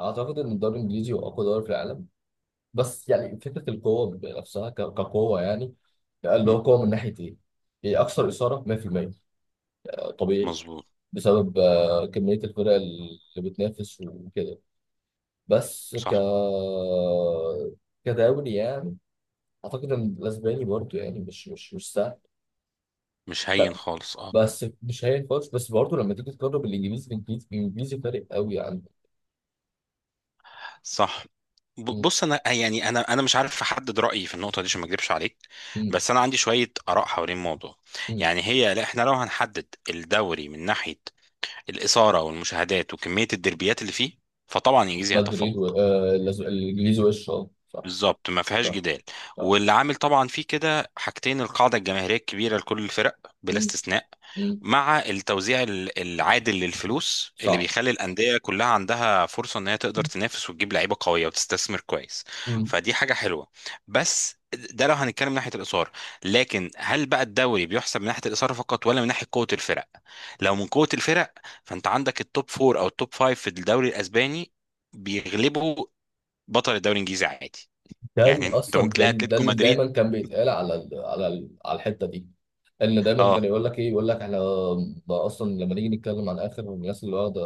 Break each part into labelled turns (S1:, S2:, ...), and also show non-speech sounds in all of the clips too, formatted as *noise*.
S1: اعتقد ان الدوري الانجليزي هو اقوى دوري في العالم. بس يعني فكره القوه بنفسها كقوه يعني. لا، اللي هو
S2: مم.
S1: قوه من ناحيه ايه؟ هي اكثر اثاره 100%. طبيعي،
S2: مظبوط.
S1: بسبب كميه الفرق اللي بتنافس وكده. بس
S2: صح.
S1: كدوري يعني. اعتقد ان الاسباني برضه يعني مش سهل.
S2: مش هين خالص، اه.
S1: بس مش هين خالص، بس برضه لما تيجي تقرب الانجليزي، الانجليزي فارق قوي عن
S2: صح. ب-
S1: م-
S2: بص انا يعني انا انا مش عارف احدد رايي في النقطه دي عشان ما اكذبش عليك.
S1: م-
S2: بس انا عندي شويه اراء حوالين الموضوع.
S1: م.
S2: يعني هي، لا، احنا لو هنحدد الدوري من ناحيه الاثاره والمشاهدات وكميه الدربيات اللي فيه، فطبعا انجليزي
S1: مدريد
S2: هيتفوق
S1: الانجليزي وش اه صح.
S2: بالظبط، ما فيهاش
S1: صح.
S2: جدال.
S1: صح.
S2: واللي عامل طبعا فيه كده حاجتين: القاعده الجماهيريه الكبيره لكل الفرق بلا
S1: مم.
S2: استثناء،
S1: مم.
S2: مع التوزيع العادل للفلوس اللي
S1: صح.
S2: بيخلي الانديه كلها عندها فرصه ان هي تقدر تنافس وتجيب لعيبه قويه وتستثمر كويس.
S1: مم.
S2: فدي حاجه حلوه. بس ده لو هنتكلم من ناحيه الاثاره، لكن هل بقى الدوري بيحسب من ناحيه الاثاره فقط ولا من ناحيه قوه الفرق؟ لو من قوه الفرق، فانت عندك التوب فور او التوب فايف في الدوري الاسباني بيغلبوا بطل الدوري الانجليزي عادي. يعني انت ممكن تلاقي
S1: ده
S2: اتلتيكو
S1: اللي
S2: مدريد،
S1: دايما كان بيتقال على الحته دي. ان دايما كان
S2: اه
S1: يقول لك ايه، يقول لك احنا ده اصلا لما نيجي نتكلم عن اخر الناس اللي واخده،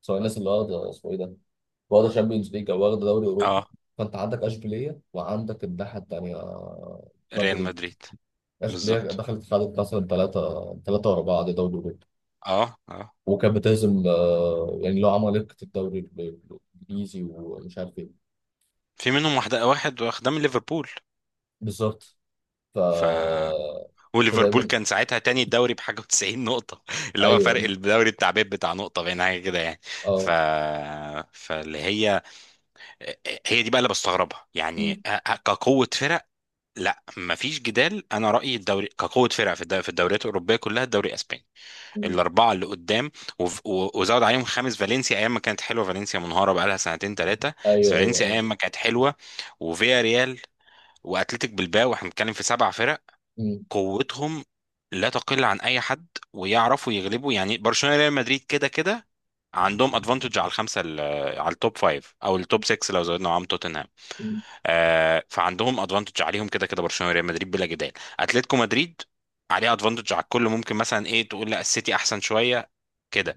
S1: سواء الناس اللي واخده اسمه ايه ده، واخده شامبيونز ليج او واخده دوري اوروبي.
S2: اه،
S1: فانت عندك اشبيليه وعندك الناحيه التانيه.
S2: ريال
S1: مدريد.
S2: مدريد،
S1: اشبيليه
S2: بالظبط،
S1: دخلت خدت مثلا ثلاثه ثلاثه ورا بعض دوري اوروبي،
S2: اه اه.
S1: وكانت بتهزم يعني لو عمالقه الدوري الانجليزي ومش عارف ايه.
S2: في منهم واحدة، واحد واخدها من ليفربول.
S1: بالظبط. ف.
S2: ف وليفربول
S1: فدايما.
S2: كان ساعتها تاني الدوري بحاجة و90 نقطة *laughs* اللي هو فرق
S1: ايوه.
S2: الدوري بتاع بيب بتاع نقطة بين حاجة كده يعني. ف
S1: اه.
S2: فاللي هي دي بقى اللي بستغربها يعني.
S1: مم.
S2: كقوة فرق، لا مفيش جدال، انا رأيي الدوري كقوة فرق في في الدوريات الأوروبية كلها الدوري الاسباني،
S1: مم.
S2: الاربعه اللي قدام. وف- و- وزود عليهم خامس، فالنسيا ايام ما كانت حلوه، فالنسيا منهاره بقى لها سنتين ثلاثه. بس
S1: ايوه ايوه
S2: فالنسيا
S1: ايوه.
S2: ايام ما كانت حلوه، وفيا ريال، واتلتيك بالباو، احنا بنتكلم في سبع فرق
S1: مم.
S2: قوتهم لا تقل عن اي حد، ويعرفوا يغلبوا. يعني برشلونه ريال مدريد كده كده عندهم ادفانتج على الخمسه على التوب فايف او التوب 6 لو زودنا معاهم توتنهام.
S1: مم.
S2: آه، فعندهم ادفانتج عليهم كده كده، برشلونه ريال مدريد بلا جدال. اتلتيكو مدريد عليه ادفانتج على الكل، ممكن مثلا ايه تقول لا السيتي احسن شويه كده.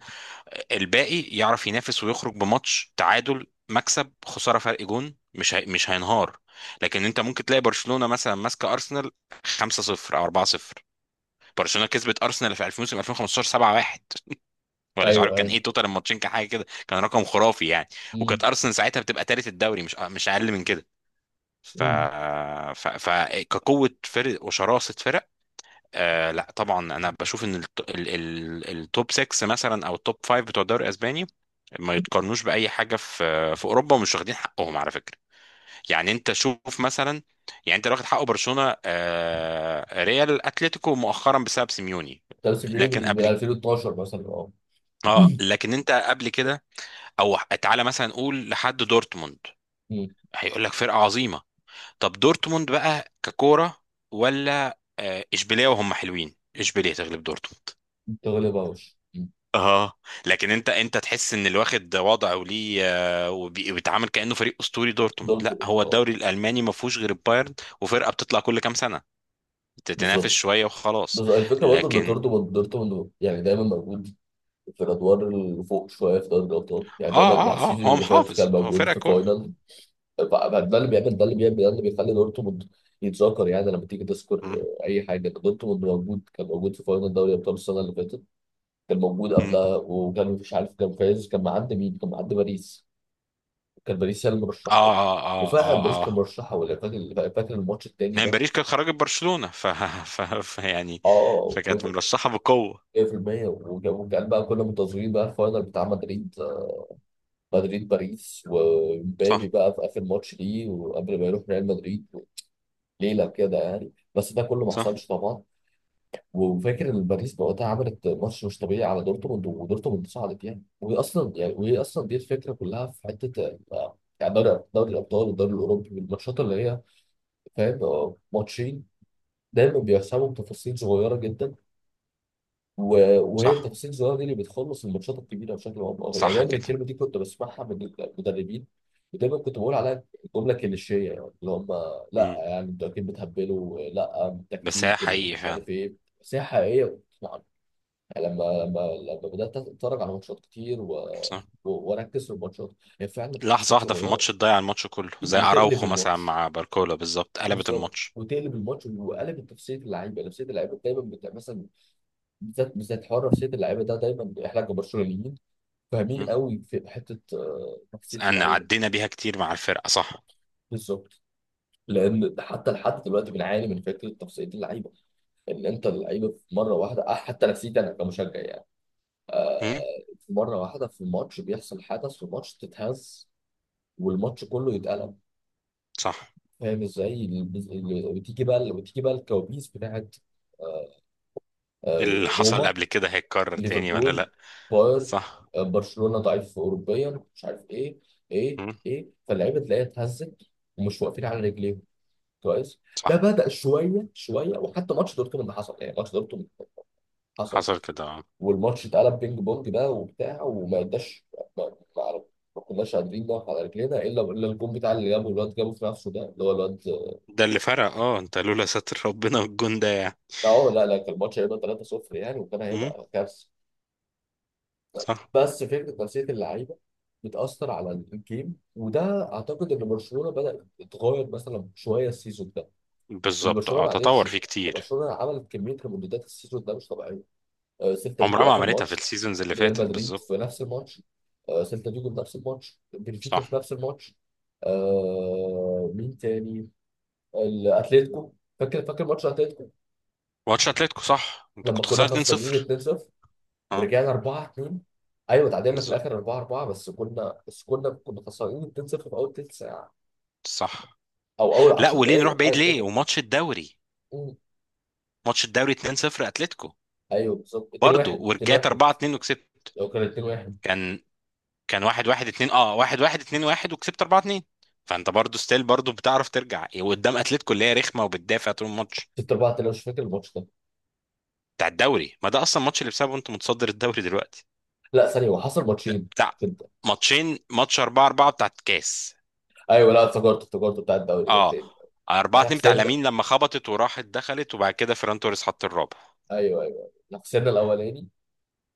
S2: الباقي يعرف ينافس ويخرج بماتش تعادل مكسب خساره فرق جون، مش هينهار. لكن انت ممكن تلاقي برشلونه مثلا ماسكه ارسنال 5-0 او 4-0. برشلونه كسبت ارسنال في 2000 2015 7-1، ولا مش عارف
S1: ايوه
S2: كان
S1: ايوه.
S2: ايه توتال الماتشين، كان حاجه كده، كان رقم خرافي يعني.
S1: مم.
S2: وكانت ارسنال ساعتها بتبقى تالت الدوري، مش اقل من كده. ف...
S1: مم.
S2: ف... ف كقوه فرق وشراسه فرق، آه، لا طبعا انا بشوف ان التوب 6 مثلا او التوب 5 بتوع الدوري الاسباني ما يتقارنوش باي حاجه في اوروبا، ومش واخدين حقهم على فكره. يعني انت شوف مثلا، يعني انت لو واخد حقه برشلونه، ريال، اتلتيكو مؤخرا بسبب سيميوني.
S1: ده بس بيقولي
S2: لكن
S1: بال
S2: قبل،
S1: 2012 مثلا اه.
S2: اه، لكن انت قبل كده، او تعالى مثلا نقول لحد دورتموند،
S1: مم.
S2: هيقول لك فرقه عظيمه. طب دورتموند بقى ككوره، ولا، اشبيليه، وهم حلوين اشبيليه تغلب دورتموند،
S1: تغلب اوش. مم.
S2: اه. لكن انت تحس ان اللي واخد وضعه وليه، آه، وبي- وبيتعامل كانه فريق اسطوري. دورتموند لا،
S1: دورتموند.
S2: هو
S1: اه.
S2: الدوري الالماني ما فيهوش غير البايرن وفرقه بتطلع كل كام سنه تتنافس
S1: بالظبط.
S2: شويه وخلاص.
S1: بس الفكره برضه ان
S2: لكن
S1: دورتموند يعني دايما موجود في الادوار اللي فوق شويه في دوري الابطال، يعني دايما،
S2: اه
S1: يعني
S2: اه اه
S1: السيزون
S2: هو
S1: اللي فات
S2: محافظ،
S1: كان موجود في فاينل. ده اللي بيخلي دورتموند يتذكر. يعني لما تيجي تذكر
S2: مم.
S1: اي حاجه، دورتموند موجود، كان موجود في فاينل دوري ابطال السنه اللي فاتت، كان موجود
S2: مم.
S1: قبلها وكان مش عارف، كان فايز كان معدي مين، كان معدي باريس. كان باريس هي
S2: اه
S1: المرشحه.
S2: اه اه
S1: وفعلا
S2: اه
S1: باريس كان
S2: اه
S1: مرشحه، ولا فاكر؟ الماتش التاني
S2: يعني
S1: ده.
S2: باريس كانت خرجت برشلونه، يعني
S1: اه
S2: فكانت مرشحه بقوه.
S1: 100%. وكان بقى كنا منتظرين بقى الفاينل بتاع مدريد، مدريد باريس ومبابي
S2: صح.
S1: بقى في اخر ماتش ليه، وقبل ما يروح ريال مدريد ليله كده يعني. بس ده كله ما
S2: صح
S1: حصلش طبعا. وفاكر ان باريس وقتها عملت ماتش مش طبيعي على دورتموند، ودورتموند صعدت يعني. وهي اصلا يعني، وهي اصلا دي الفكره كلها في حته يعني دوري، دوري الابطال والدوري الاوروبي، الماتشات اللي هي فاهم ماتشين، دايما بيحسبوا بتفاصيل صغيره جدا. وهي
S2: صح
S1: التفاصيل الصغيره دي اللي بتخلص الماتشات الكبيره بشكل او باخر يعني.
S2: صح
S1: دايما
S2: كده.
S1: الكلمه دي كنت بسمعها من المدربين ودايما كنت بقول عليها جمله كليشيه يعني، اللي هم لا
S2: مم.
S1: يعني انتوا اكيد بتهبلوا، لا
S2: بس هي
S1: التكتيك
S2: حقيقي
S1: مش
S2: فعلا.
S1: عارف ايه. بس هي حقيقيه. لما بدات اتفرج على ماتشات كتير و...
S2: صح.
S1: و... واركز في الماتشات، هي فعلا
S2: لحظة
S1: التفاصيل
S2: واحدة في
S1: صغيره.
S2: الماتش تضيع الماتش كله، زي
S1: وتقلب
S2: أراوخو مثلا
S1: الماتش.
S2: مع باركولا، بالظبط قلبت
S1: بالظبط،
S2: الماتش.
S1: وتقلب الماتش، وقلبت نفسيه اللعيبه، نفسيه اللعيبه دايما بتاع مثلا بالذات. حوار نفسيه اللعيبه ده دايما احنا كبرشلونيين فاهمين
S2: مم.
S1: قوي في حته نفسيه
S2: أنا
S1: اللعيبه.
S2: عدينا بيها كتير مع الفرقة، صح.
S1: بالظبط. لان حتى لحد دلوقتي بنعاني من فكره نفسيه اللعيبه، ان انت اللعيبه في مره واحده حتى نفسيتي انا كمشجع يعني، آه،
S2: مم.
S1: في مره واحده في الماتش بيحصل حدث في الماتش تتهز، والماتش كله يتقلب.
S2: صح.
S1: فاهم ازاي؟ بتيجي بقى، الكوابيس بتاعت
S2: اللي حصل
S1: روما،
S2: قبل كده هيتكرر تاني ولا
S1: ليفربول،
S2: لأ.
S1: باير،
S2: صح.
S1: برشلونة ضعيف اوروبيا مش عارف ايه. ايه
S2: مم.
S1: ايه. فاللعيبه تلاقيها اتهزت، ومش واقفين على رجليهم كويس. ده
S2: صح.
S1: بدأ شويه شويه، وحتى ماتش دورتموند حصل، يعني ماتش دورتموند حصل
S2: حصل كده، آه.
S1: والماتش اتقلب بينج بونج بقى وبتاع، وما قداش، ما ما- ما كناش قادرين نقف على رجلينا الا الجون بتاع اللي جابه الواد، جابه في نفسه، ده اللي هو الواد.
S2: ده اللي فرق، اه، انت لولا ستر ربنا والجون ده يعني.
S1: اه، لا لا، كان الماتش هيبقى 3-0 يعني، وكان
S2: مم.
S1: هيبقى كارثه.
S2: صح.
S1: بس فكره نفسيه اللعيبه بتاثر على الجيم، وده اعتقد ان برشلونه بدا يتغير مثلا شويه السيزون ده، ان
S2: بالظبط،
S1: برشلونه
S2: اه،
S1: ما قدرش
S2: تطور
S1: يعني.
S2: فيه كتير.
S1: برشلونه عملت كميه ريمونتادات السيزون ده مش طبيعيه. سيلتا فيجو
S2: عمرها ما
S1: اخر
S2: عملتها في
S1: ماتش،
S2: السيزونز اللي
S1: ريال
S2: فاتت،
S1: مدريد في
S2: بالظبط.
S1: نفس الماتش، سيلتا فيجو في نفس الماتش، بنفيكا في
S2: صح.
S1: نفس الماتش، مين تاني، الاتليتيكو. فاكر ماتش اتلتيكو،
S2: ماتش اتلتيكو، صح، انت
S1: لما
S2: كنت
S1: كنا
S2: خسران
S1: خسرانين
S2: 2-0.
S1: 2-0
S2: اه،
S1: ورجعنا 4-2. ايوه، تعادلنا في
S2: بالظبط.
S1: الاخر 4-4. بس كنا، بس كنا خسرانين 2-0 في اول تلت ساعه
S2: صح.
S1: او اول
S2: لا،
S1: 10
S2: وليه نروح
S1: دقائق، حاجه
S2: بعيد، ليه
S1: كده.
S2: وماتش الدوري،
S1: مم.
S2: ماتش الدوري 2-0، اتلتيكو،
S1: ايوه بالظبط 2
S2: برضه
S1: 1
S2: ورجعت 4-2 وكسبت.
S1: لو كان 2-1
S2: كان كان 1-1. 2، 1-1. 2-1 وكسبت 4-2. فانت برضه ستيل برضه بتعرف ترجع، وقدام اتلتيكو اللي هي رخمه وبتدافع طول الماتش
S1: 6 4 2. مش فاكر الماتش ده.
S2: بتاع الدوري. ما ده اصلا الماتش اللي بسببه انت متصدر الدوري دلوقتي.
S1: لا ثانيه، هو حصل ماتشين
S2: بتاع
S1: كده.
S2: ماتشين، ماتش 4-4 بتاع الكاس،
S1: ايوه لا، افتكرت، بتاع الدوري ده
S2: اه،
S1: التاني. احنا
S2: 4-2 بتاع
S1: خسرنا.
S2: لامين لما خبطت وراحت دخلت، وبعد كده فيران توريس حط الرابع.
S1: ايوه ايوه، خسرنا الاولاني.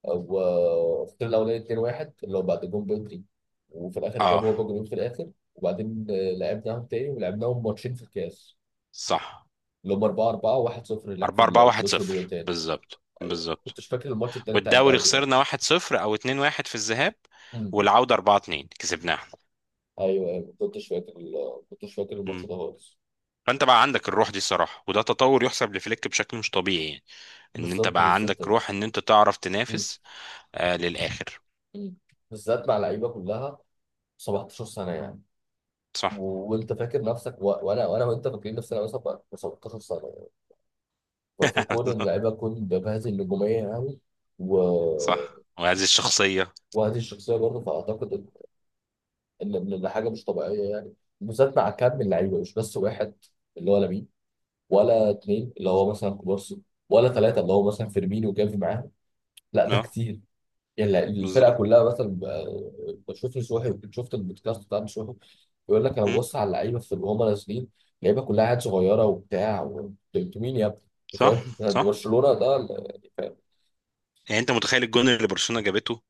S1: 2-1 اللي هو بعد جون بدري، وفي الاخر
S2: اه،
S1: جابوا هو جولين في الاخر. وبعدين لعبناهم تاني ولعبناهم ماتشين في الكاس،
S2: صح،
S1: اللي هم 4-4 1-0 هناك في
S2: 4 4 1 0،
S1: المتروبوليتان.
S2: بالظبط
S1: ايوه
S2: بالظبط.
S1: كنتش فاكر الماتش التاني بتاع
S2: والدوري
S1: الدوري ده.
S2: خسرنا 1-0 او 2-1 في الذهاب،
S1: مم.
S2: والعودة 4-2 كسبناها.
S1: ايوه ايوه، ما كنتش فاكر الماتش
S2: مم.
S1: ده خالص.
S2: فانت بقى عندك الروح دي صراحة، وده تطور يحسب لفليك بشكل مش طبيعي يعني، ان انت
S1: بالظبط
S2: بقى
S1: بالذات.
S2: عندك روح ان انت تعرف
S1: مم.
S2: تنافس، للآخر.
S1: مم. بالذات مع لعيبه كلها 17 سنه يعني.
S2: صح.
S1: وانت فاكر نفسك و... وانا وانت فاكرين نفسنا مثلا بقى 17 سنه يعني. فكون ان اللعيبه
S2: *laughs*
S1: تكون بهذه النجوميه يعني و...
S2: صح، وهذه الشخصية.
S1: وهذه الشخصيه برضه. فاعتقد ان، ان حاجه مش طبيعيه يعني. بالذات مع كم من لعيبه، مش بس واحد اللي هو لامين، ولا اتنين اللي هو مثلا
S2: *laughs*
S1: كوبارسي، ولا ثلاثه اللي هو مثلا فيرمينو وجافي معاهم. لا ده
S2: اه،
S1: كتير يعني. لا، الفرقه
S2: بالظبط.
S1: كلها. مثلا بشوف نصوحي، شفت البودكاست بتاع نصوحي؟ يقول لك انا
S2: مم.
S1: ببص على اللعيبه في وهم نازلين، اللعيبه كلها عيال صغيره وبتاع، انتوا مين يا ابني؟ أنت
S2: صح
S1: فاهم؟ *laughs* ده
S2: صح.
S1: برشلونه، يعني، فاهم؟
S2: يعني انت متخيل الجون اللي برشلونة جابته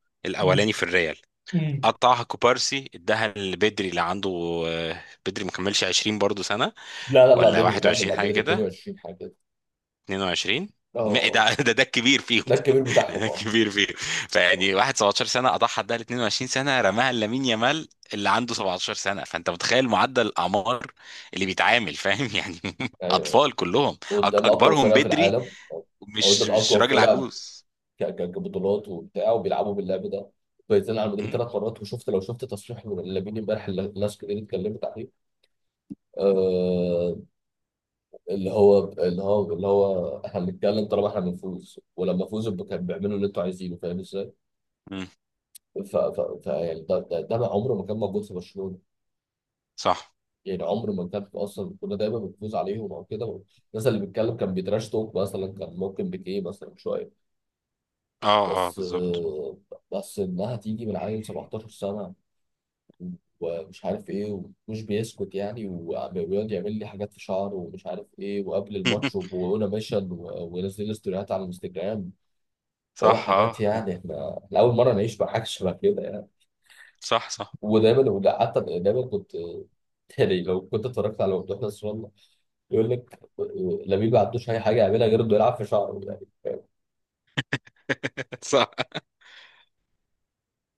S1: مم.
S2: الاولاني في الريال،
S1: مم.
S2: قطعها كوبارسي اداها لبدري اللي عنده، بدري مكملش 20 برضه سنة،
S1: لا
S2: ولا
S1: بدري كمل،
S2: 21
S1: لا
S2: حاجة
S1: بدري
S2: كده،
S1: 22 حاجه كده.
S2: 22.
S1: اه. آه.
S2: ده *laughs* ده الكبير فيهم.
S1: ده الكبير
S2: *laughs*
S1: بتاعهم
S2: ده
S1: اه.
S2: الكبير فيهم.
S1: آه.
S2: فيعني واحد 17 سنه اضحى ده ل 22 سنه رماها لامين يامال اللي عنده 17 سنه. فانت متخيل معدل الاعمار اللي بيتعامل، فاهم يعني. *laughs*
S1: ايوه،
S2: اطفال كلهم،
S1: قدام اقوى
S2: اكبرهم
S1: فرقه في
S2: بدري،
S1: العالم، او
S2: مش
S1: قدام
S2: مش
S1: اقوى
S2: راجل
S1: فرقه
S2: عجوز.
S1: كبطولات وبتاع، وبيلعبوا باللعب ده، فايزين على المدريد
S2: م?
S1: ثلاث مرات. وشفت، لو شفت تصريح من لامين امبارح اللي الناس كتير اتكلمت عليه، آه، اللي هو احنا بنتكلم طالما احنا بنفوز، ولما فوزوا كانوا بيعملوا اللي انتوا عايزينه. فاهم ازاي؟
S2: م.
S1: ف يعني ده، ده ما عمره ما كان موجود في برشلونه.
S2: صح.
S1: يعني عمره ما كان، اصلا كنا دايما بنفوز عليهم او كده. الناس اللي بيتكلم كان بيتراش توك مثلا، كان ممكن بيكيه مثلا شويه.
S2: اه اه،
S1: بس
S2: بالظبط.
S1: بس انها تيجي من عيل 17 سنه، ومش عارف ايه، ومش بيسكت يعني، ويقعد يعمل لي حاجات في شعره ومش عارف ايه، وقبل الماتش
S2: *laughs*
S1: وهنا ميشن، وينزل لي ستوريات على الانستجرام، اللي هو
S2: صح،
S1: حاجات
S2: اه.
S1: يعني. احنا اول مره نعيش مع حاجه شبه كده يعني.
S2: صح صح.
S1: ودايما، ولا حتى دايما كنت، يعني لو كنت اتفرجت على ممدوح نصر الله يقول لك لامين ما عندوش اي حاجه يعملها غير انه يلعب في شعره.
S2: *laughs* صح.